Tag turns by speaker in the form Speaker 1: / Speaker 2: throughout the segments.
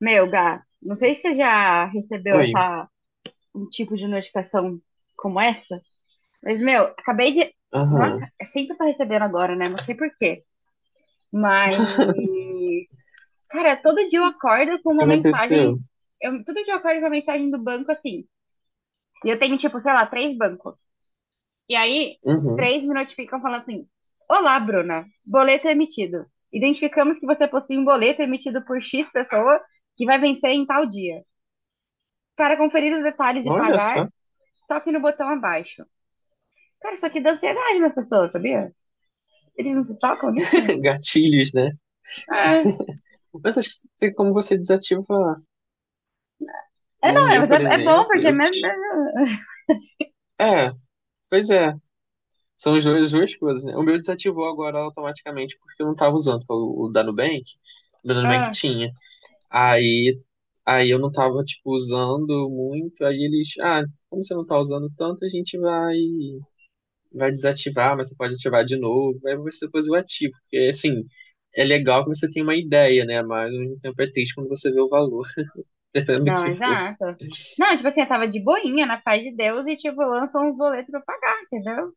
Speaker 1: Meu, Gá, não sei se você já recebeu
Speaker 2: Oi.
Speaker 1: um tipo de notificação como essa, mas, meu, acabei de. Nossa,
Speaker 2: Aham.
Speaker 1: é sempre que eu tô recebendo agora, né? Não sei por quê. Mas. Cara, todo dia eu acordo com
Speaker 2: O que
Speaker 1: uma mensagem.
Speaker 2: aconteceu?
Speaker 1: Eu, todo dia eu acordo com uma mensagem do banco assim. E eu tenho, tipo, sei lá, três bancos. E aí, os
Speaker 2: Uhum.
Speaker 1: três me notificam falando assim: olá, Bruna, boleto é emitido. Identificamos que você possui um boleto emitido por X pessoa que vai vencer em tal dia. Para conferir os detalhes e
Speaker 2: Olha
Speaker 1: pagar,
Speaker 2: só.
Speaker 1: toque no botão abaixo. Cara, isso aqui dá ansiedade nas pessoas, sabia? Eles não se tocam nisso?
Speaker 2: Gatilhos, né?
Speaker 1: É,
Speaker 2: Mas acho que como você desativa
Speaker 1: é
Speaker 2: o
Speaker 1: não, é,
Speaker 2: meu,
Speaker 1: mas
Speaker 2: por
Speaker 1: é, é bom
Speaker 2: exemplo,
Speaker 1: porque é
Speaker 2: eu
Speaker 1: mesmo. É-
Speaker 2: te... É, pois é. São as duas coisas, né? O meu desativou agora automaticamente porque eu não tava usando o da Nubank. O da Nubank
Speaker 1: Ah,
Speaker 2: tinha. Aí, eu não tava, tipo, usando muito. Aí eles... Ah, como você não tá usando tanto, a gente vai... desativar, mas você pode ativar de novo. Aí você depois o ativa. Porque, assim, é legal que você tenha uma ideia, né? Mas ao mesmo tempo é triste quando você vê o valor, dependendo do
Speaker 1: não,
Speaker 2: que for.
Speaker 1: exato. Não, tipo assim, eu tava de boinha, na paz de Deus, e tipo, lançam um boleto pra pagar, entendeu?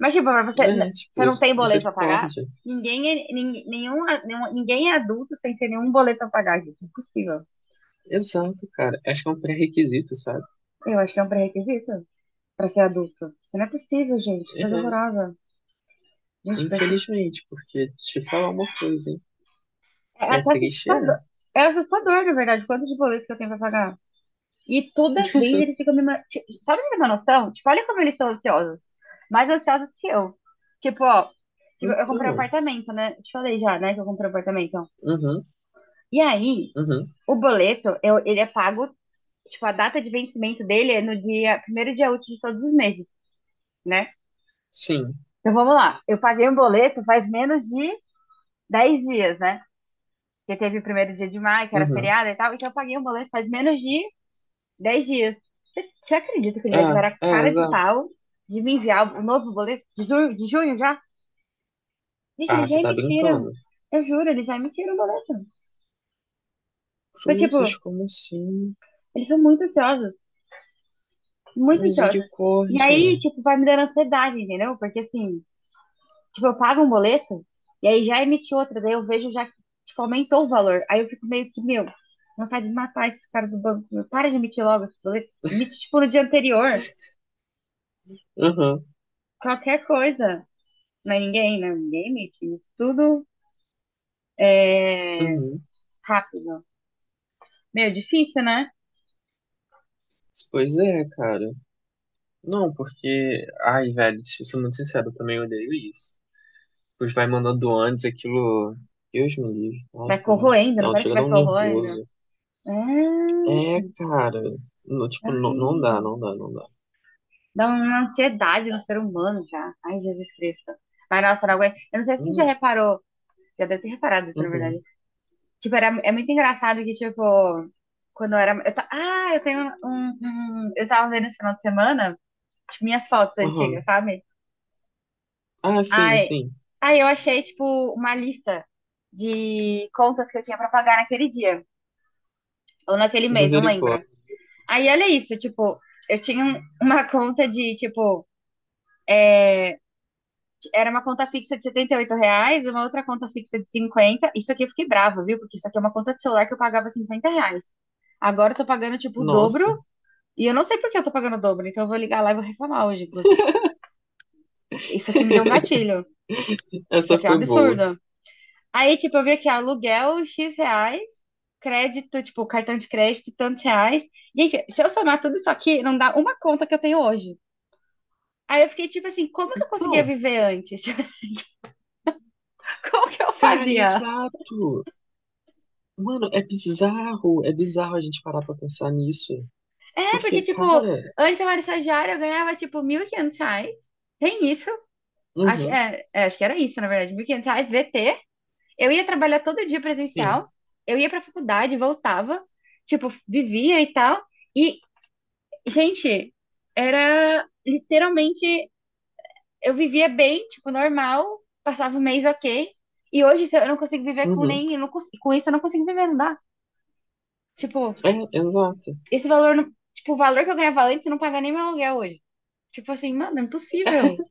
Speaker 1: Mas, tipo, pra você, n-
Speaker 2: É, tipo,
Speaker 1: você não tem boleto pra pagar?
Speaker 2: misericórdia.
Speaker 1: Ninguém é, nin- nenhum, a- nenhum- ninguém é adulto sem ter nenhum boleto pra pagar, gente. Impossível.
Speaker 2: Exato, cara. Acho que é um pré-requisito, sabe?
Speaker 1: Eu acho que é um pré-requisito pra ser adulto. Não é possível, gente. Coisa
Speaker 2: É,
Speaker 1: horrorosa. Gente,
Speaker 2: infelizmente, porque deixa eu te falar uma coisa, hein?
Speaker 1: é
Speaker 2: É
Speaker 1: até
Speaker 2: triste, é.
Speaker 1: assustador. É assustador, na verdade, quanto de boleto que eu tenho pra pagar. E toda vez eles ficam me. Ma- ti- Sabe ter uma noção? Tipo, olha como eles são ansiosos. Mais ansiosos que eu. Tipo, ó. Tipo, eu comprei um
Speaker 2: Então,
Speaker 1: apartamento, né? Te falei já, né? Que eu comprei um apartamento.
Speaker 2: uhum,
Speaker 1: E aí,
Speaker 2: uhum,
Speaker 1: o boleto, eu, ele é pago. Tipo, a data de vencimento dele é no dia, primeiro dia útil de todos os meses, né?
Speaker 2: sim,
Speaker 1: Então vamos lá. Eu paguei um boleto faz menos de 10 dias, né? Porque teve o primeiro dia de maio, que era
Speaker 2: uhum.
Speaker 1: feriado e tal. Então eu paguei um boleto faz menos de dez dias. Você, você acredita que ele já
Speaker 2: Ah,
Speaker 1: tiveram a
Speaker 2: é,
Speaker 1: cara de
Speaker 2: exato.
Speaker 1: pau de me enviar o novo boleto de junho já? Gente,
Speaker 2: Ah,
Speaker 1: eles já
Speaker 2: você tá
Speaker 1: emitiram.
Speaker 2: brincando.
Speaker 1: Eu juro, eles já emitiram o boleto. Então, tipo,
Speaker 2: Cruzes, como assim?
Speaker 1: eles são muito ansiosos. Muito ansiosos. E
Speaker 2: Misericórdia.
Speaker 1: aí, tipo, vai me dando ansiedade, entendeu? Porque, assim, tipo, eu pago um boleto e aí já emiti outra. Daí eu vejo já que, tipo, aumentou o valor. Aí eu fico meio que, meu, vontade de matar esses caras do banco. Meu, para de emitir logo esse boleto. Emite, tipo, no dia anterior.
Speaker 2: Uhum.
Speaker 1: Qualquer coisa. Não é ninguém, né? Ninguém emite isso tudo é,
Speaker 2: Uhum.
Speaker 1: rápido. Meio difícil, né?
Speaker 2: Pois é, cara. Não, porque. Ai, velho, deixa eu ser muito sincero, eu também odeio isso. Pois vai mandando antes aquilo. Deus me livre. Ai,
Speaker 1: Vai
Speaker 2: também.
Speaker 1: corroendo, não
Speaker 2: Não,
Speaker 1: parece
Speaker 2: chega
Speaker 1: que
Speaker 2: a dar
Speaker 1: vai
Speaker 2: um
Speaker 1: corroendo.
Speaker 2: nervoso.
Speaker 1: É,
Speaker 2: É, cara. No, tipo, não, não dá,
Speaker 1: ai,
Speaker 2: não dá, não dá.
Speaker 1: dá uma ansiedade no ser humano já. Ai, Jesus Cristo. Mas nossa, não aguento. Eu não sei se você já
Speaker 2: Hum,
Speaker 1: reparou, já deve ter reparado isso, na
Speaker 2: Uhum.
Speaker 1: verdade. Tipo, era, é muito engraçado que, tipo, quando eu era. Eu ta... Ah, eu tenho um, um- um, eu tava vendo esse final de semana, tipo, minhas fotos antigas,
Speaker 2: Uhum.
Speaker 1: sabe?
Speaker 2: Ah, sim,
Speaker 1: Ai,
Speaker 2: sim.
Speaker 1: ai, eu achei, tipo, uma lista de contas que eu tinha pra pagar naquele dia, ou naquele mês, não lembro.
Speaker 2: Misericórdia.
Speaker 1: Aí, olha isso, tipo, eu tinha um- uma conta de, tipo, era uma conta fixa de R$ 78, uma outra conta fixa de 50. Isso aqui eu fiquei brava, viu? Porque isso aqui é uma conta de celular que eu pagava R$ 50. Agora eu tô pagando, tipo, o dobro,
Speaker 2: Nossa.
Speaker 1: e eu não sei por que eu tô pagando o dobro, então eu vou ligar lá e vou reclamar hoje, inclusive. Isso aqui me deu um gatilho. Isso
Speaker 2: Essa
Speaker 1: aqui é um
Speaker 2: foi boa.
Speaker 1: absurdo. Aí, tipo, eu vi aqui, ó, aluguel X reais, crédito, tipo, cartão de crédito, tantos reais. Gente, se eu somar tudo isso aqui, não dá uma conta que eu tenho hoje. Aí eu fiquei tipo assim, como que eu conseguia
Speaker 2: Não,
Speaker 1: viver antes? Como que eu
Speaker 2: cara,
Speaker 1: fazia?
Speaker 2: exato. Mano, é bizarro. É bizarro a gente parar pra pensar nisso.
Speaker 1: É, porque,
Speaker 2: Porque,
Speaker 1: tipo,
Speaker 2: cara,
Speaker 1: antes eu era estagiária, eu ganhava, tipo, R$ 1.500. Tem isso. Acho,
Speaker 2: uhum,
Speaker 1: é, é, acho que era isso, na verdade. R$ 1.500, VT. Eu ia trabalhar todo dia
Speaker 2: sim.
Speaker 1: presencial. Eu ia pra faculdade, voltava. Tipo, vivia e tal. E gente, era literalmente. Eu vivia bem, tipo, normal, passava o mês ok. E hoje se eu não consigo viver com
Speaker 2: Uhum.
Speaker 1: nem. Eu não consigo- com isso eu não consigo viver, não dá. Tipo,
Speaker 2: É, exato.
Speaker 1: esse valor. Não- Tipo, o valor que eu ganhava antes não paga nem meu aluguel hoje. Tipo assim, mano, é impossível.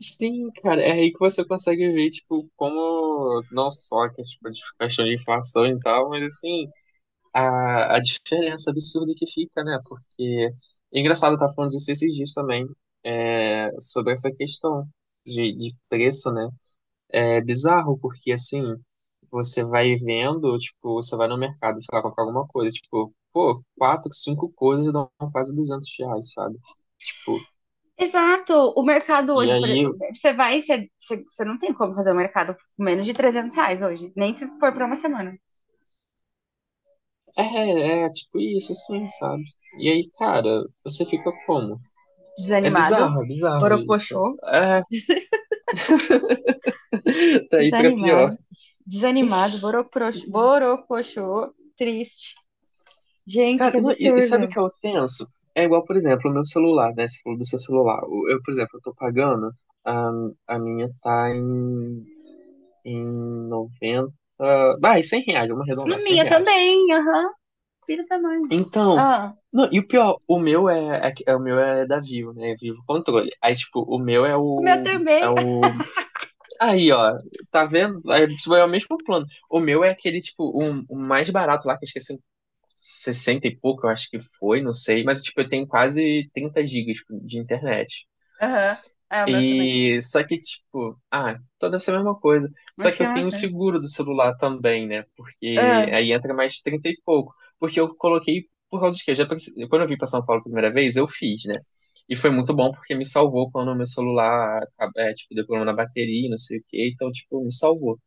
Speaker 2: Sim, cara, é aí que você consegue ver, tipo, como não só que, tipo, de questão de inflação e tal, mas assim, a diferença absurda que fica, né? Porque é engraçado estar falando disso esses dias também, é, sobre essa questão de preço, né? É bizarro, porque assim, você vai vendo, tipo, você vai no mercado, sei lá, comprar alguma coisa, tipo, pô, quatro, cinco coisas dão quase R$ 200, sabe? Tipo,
Speaker 1: Exato. O mercado
Speaker 2: e
Speaker 1: hoje, por
Speaker 2: aí,
Speaker 1: exemplo, você vai, você não tem como fazer o mercado por menos de R$ 300 hoje. Nem se for pra uma semana.
Speaker 2: é, tipo isso, assim, sabe? E aí, cara, você fica como?
Speaker 1: Desanimado,
Speaker 2: É bizarro isso.
Speaker 1: borocochô.
Speaker 2: É, daí pra pior.
Speaker 1: Desanimado, desanimado, boroprox- borocochô, triste. Gente,
Speaker 2: Cara,
Speaker 1: que
Speaker 2: não, e sabe o
Speaker 1: absurdo.
Speaker 2: que eu penso? É igual, por exemplo, o meu celular, né? Você falou do seu celular. Eu, por exemplo, eu tô pagando, a, a minha tá em 90, vai, R$ 100, vamos
Speaker 1: A
Speaker 2: arredondar, 100
Speaker 1: minha
Speaker 2: reais.
Speaker 1: também, aham. Filho da mãe.
Speaker 2: Então,
Speaker 1: Ah,
Speaker 2: não, e o pior, o meu é, o meu é da Vivo, né? Vivo Controle. Aí, tipo, o meu é
Speaker 1: o meu
Speaker 2: o, é
Speaker 1: também.
Speaker 2: o Aí, ó, tá vendo? Aí, isso é o mesmo plano. O meu é aquele, tipo, um, o mais barato lá, que eu esqueci, 60 e pouco, eu acho que foi, não sei. Mas, tipo, eu tenho quase 30 gigas de internet.
Speaker 1: Aham. É, o meu também.
Speaker 2: E só que, tipo, ah, então deve ser a mesma coisa. Só
Speaker 1: Acho que
Speaker 2: que
Speaker 1: é
Speaker 2: eu
Speaker 1: uma
Speaker 2: tenho o
Speaker 1: coisa.
Speaker 2: seguro do celular também, né? Porque
Speaker 1: Ah,
Speaker 2: aí entra mais 30 e pouco. Porque eu coloquei por causa de quê? Quando eu vim pra São Paulo a primeira vez, eu fiz, né? E foi muito bom porque me salvou quando o meu celular, é, tipo, deu problema na bateria, não sei o quê. Então, tipo, me salvou.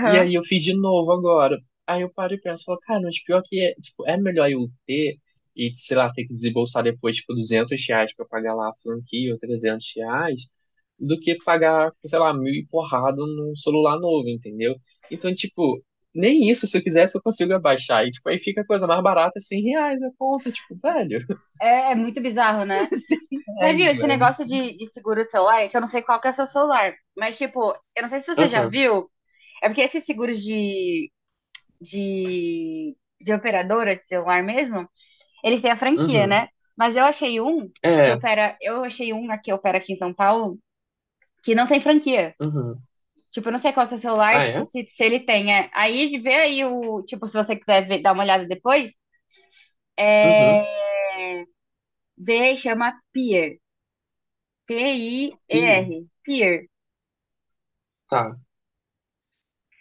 Speaker 2: E aí eu fiz de novo agora. Aí eu paro e penso, falo, cara, mas pior que é, tipo, é melhor eu ter e, sei lá, ter que desembolsar depois, tipo, R$ 200 pra pagar lá a franquia ou R$ 300, do que pagar, sei lá, mil e porrada num celular novo, entendeu? Então, tipo, nem isso, se eu quisesse, eu consigo abaixar. E, tipo, aí fica a coisa mais barata, R$ 100 a conta, tipo, velho,
Speaker 1: É, é muito bizarro, né?
Speaker 2: 100
Speaker 1: Mas
Speaker 2: reais,
Speaker 1: viu, esse
Speaker 2: velho.
Speaker 1: negócio de seguro de celular, é que eu não sei qual que é o seu celular. Mas, tipo, eu não sei se você já
Speaker 2: Aham,
Speaker 1: viu. É porque esses seguros de, de, de operadora de celular mesmo, eles têm a franquia,
Speaker 2: uhum,
Speaker 1: né? Mas eu achei um que
Speaker 2: é,
Speaker 1: opera. Eu achei um que opera aqui em São Paulo que não tem franquia.
Speaker 2: uhum.
Speaker 1: Tipo, eu não sei qual é o seu celular,
Speaker 2: Ah,
Speaker 1: tipo,
Speaker 2: é?
Speaker 1: se ele tem. É. Aí, de- ver aí o. Tipo, se você quiser ver- dar uma olhada depois, é.
Speaker 2: Uhum.
Speaker 1: Vê e chama Pier.
Speaker 2: Pia.
Speaker 1: P-I-E-R. Pier.
Speaker 2: Tá,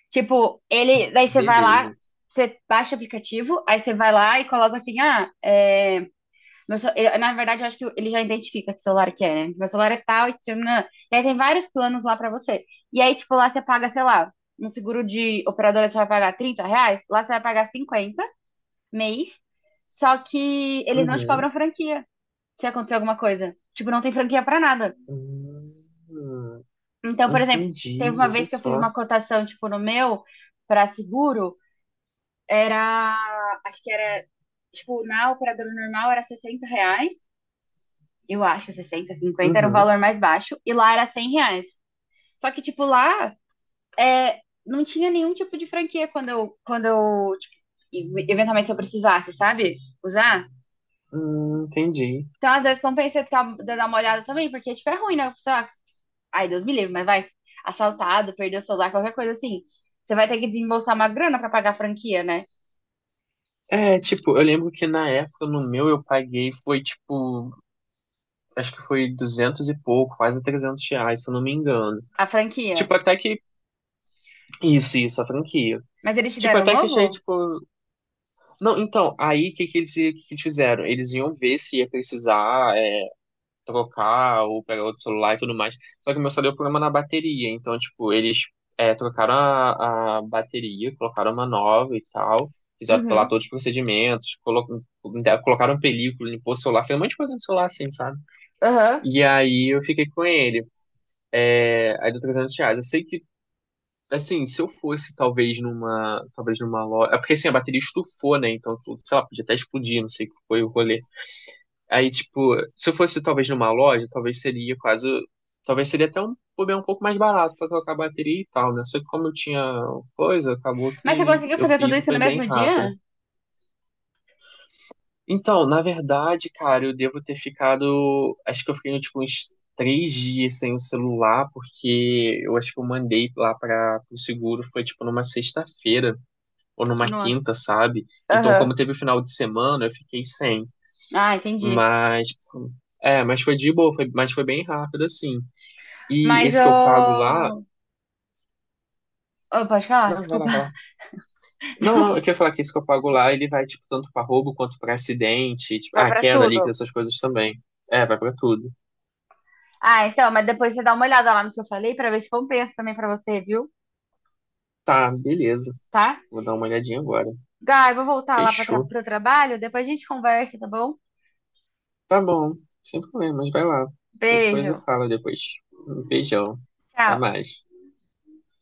Speaker 1: Tipo, ele. Daí você vai lá,
Speaker 2: beleza.
Speaker 1: você baixa o aplicativo, aí você vai lá e coloca assim, ah, é. Meu ce- eu- na verdade, eu acho que ele já identifica que celular que é, né? Meu celular é tal e tchananã. E aí tem vários planos lá pra você. E aí, tipo, lá você paga, sei lá, no seguro de operadora você vai pagar R$ 30, lá você vai pagar 50 mês, só que eles não te
Speaker 2: Uhum.
Speaker 1: cobram franquia se acontecer alguma coisa. Tipo, não tem franquia pra nada.
Speaker 2: Hum,
Speaker 1: Então, por exemplo, teve
Speaker 2: entendi,
Speaker 1: uma
Speaker 2: olha
Speaker 1: vez que eu fiz
Speaker 2: só.
Speaker 1: uma cotação, tipo, no meu, pra seguro, era, acho que era, tipo, na operadora normal era R$ 60. Eu acho, 60, cinquenta era um
Speaker 2: Uhum,
Speaker 1: valor mais baixo, e lá era R$ 100. Só que, tipo, lá é, não tinha nenhum tipo de franquia quando eu, tipo, eventualmente se eu precisasse, sabe? Usar.
Speaker 2: entendi.
Speaker 1: Então, às vezes, compensa ficar, dar uma olhada também, porque, tipo, é ruim, né? Sei lá, ai, Deus me livre, mas vai assaltado, perdeu o celular, qualquer coisa assim. Você vai ter que desembolsar uma grana pra pagar a franquia, né?
Speaker 2: É, tipo, eu lembro que na época no meu eu paguei foi tipo, acho que foi 200 e pouco, quase R$ 300, se eu não me engano.
Speaker 1: A franquia.
Speaker 2: Tipo, até que. Isso, a franquia.
Speaker 1: Mas eles te
Speaker 2: Tipo,
Speaker 1: deram um
Speaker 2: até que
Speaker 1: novo?
Speaker 2: achei, tipo. Não, então, aí o que eles fizeram? Eles iam ver se ia precisar trocar ou pegar outro celular e tudo mais. Só que o meu só deu problema na bateria. Então, tipo, eles trocaram a bateria, colocaram uma nova e tal. Fizeram lá
Speaker 1: Uhum.
Speaker 2: todos os procedimentos, colocaram película, limpou o celular, fez um monte de coisa no celular assim, sabe?
Speaker 1: Aham.
Speaker 2: E aí eu fiquei com ele. É, aí deu R$ 300. Eu sei que, assim, se eu fosse talvez numa loja. É porque assim, a bateria estufou, né? Então, sei lá, podia até explodir, não sei o que foi o rolê. Aí, tipo, se fosse talvez numa loja, talvez seria quase. Talvez seria até um bobear um pouco mais barato pra trocar a bateria e tal, né? Só que como eu tinha coisa, acabou
Speaker 1: Mas você
Speaker 2: que
Speaker 1: conseguiu
Speaker 2: eu
Speaker 1: fazer tudo
Speaker 2: fiz e
Speaker 1: isso no
Speaker 2: foi bem
Speaker 1: mesmo
Speaker 2: rápido.
Speaker 1: dia?
Speaker 2: Então, na verdade, cara, eu devo ter ficado. Acho que eu fiquei, tipo, uns 3 dias sem o celular, porque eu acho que eu mandei lá para o seguro, foi, tipo, numa sexta-feira ou numa
Speaker 1: Nossa.
Speaker 2: quinta, sabe? Então,
Speaker 1: Aham.
Speaker 2: como teve o final de semana, eu fiquei sem.
Speaker 1: Ah, entendi.
Speaker 2: Mas, tipo, é, mas foi de boa, foi, mas foi bem rápido, assim. E
Speaker 1: Mas
Speaker 2: esse que eu pago lá.
Speaker 1: eu. Pode falar?
Speaker 2: Não, vai lá,
Speaker 1: Desculpa.
Speaker 2: vai lá. Não, não,
Speaker 1: Não,
Speaker 2: eu queria falar que esse que eu pago lá, ele vai, tipo, tanto pra roubo quanto pra acidente, tipo,
Speaker 1: vai
Speaker 2: ah,
Speaker 1: pra
Speaker 2: queda líquida,
Speaker 1: tudo.
Speaker 2: essas coisas também. É, vai pra tudo.
Speaker 1: Ah, então, mas depois você dá uma olhada lá no que eu falei pra ver se compensa também pra você, viu?
Speaker 2: Tá, beleza.
Speaker 1: Tá?
Speaker 2: Vou dar uma olhadinha agora.
Speaker 1: Gai, eu vou voltar lá pra tra
Speaker 2: Fechou.
Speaker 1: pro trabalho, depois a gente conversa, tá bom?
Speaker 2: Tá bom, sem problemas, vai lá. Qualquer coisa,
Speaker 1: Beijo.
Speaker 2: fala depois. Um beijão. Até
Speaker 1: Tchau.
Speaker 2: mais.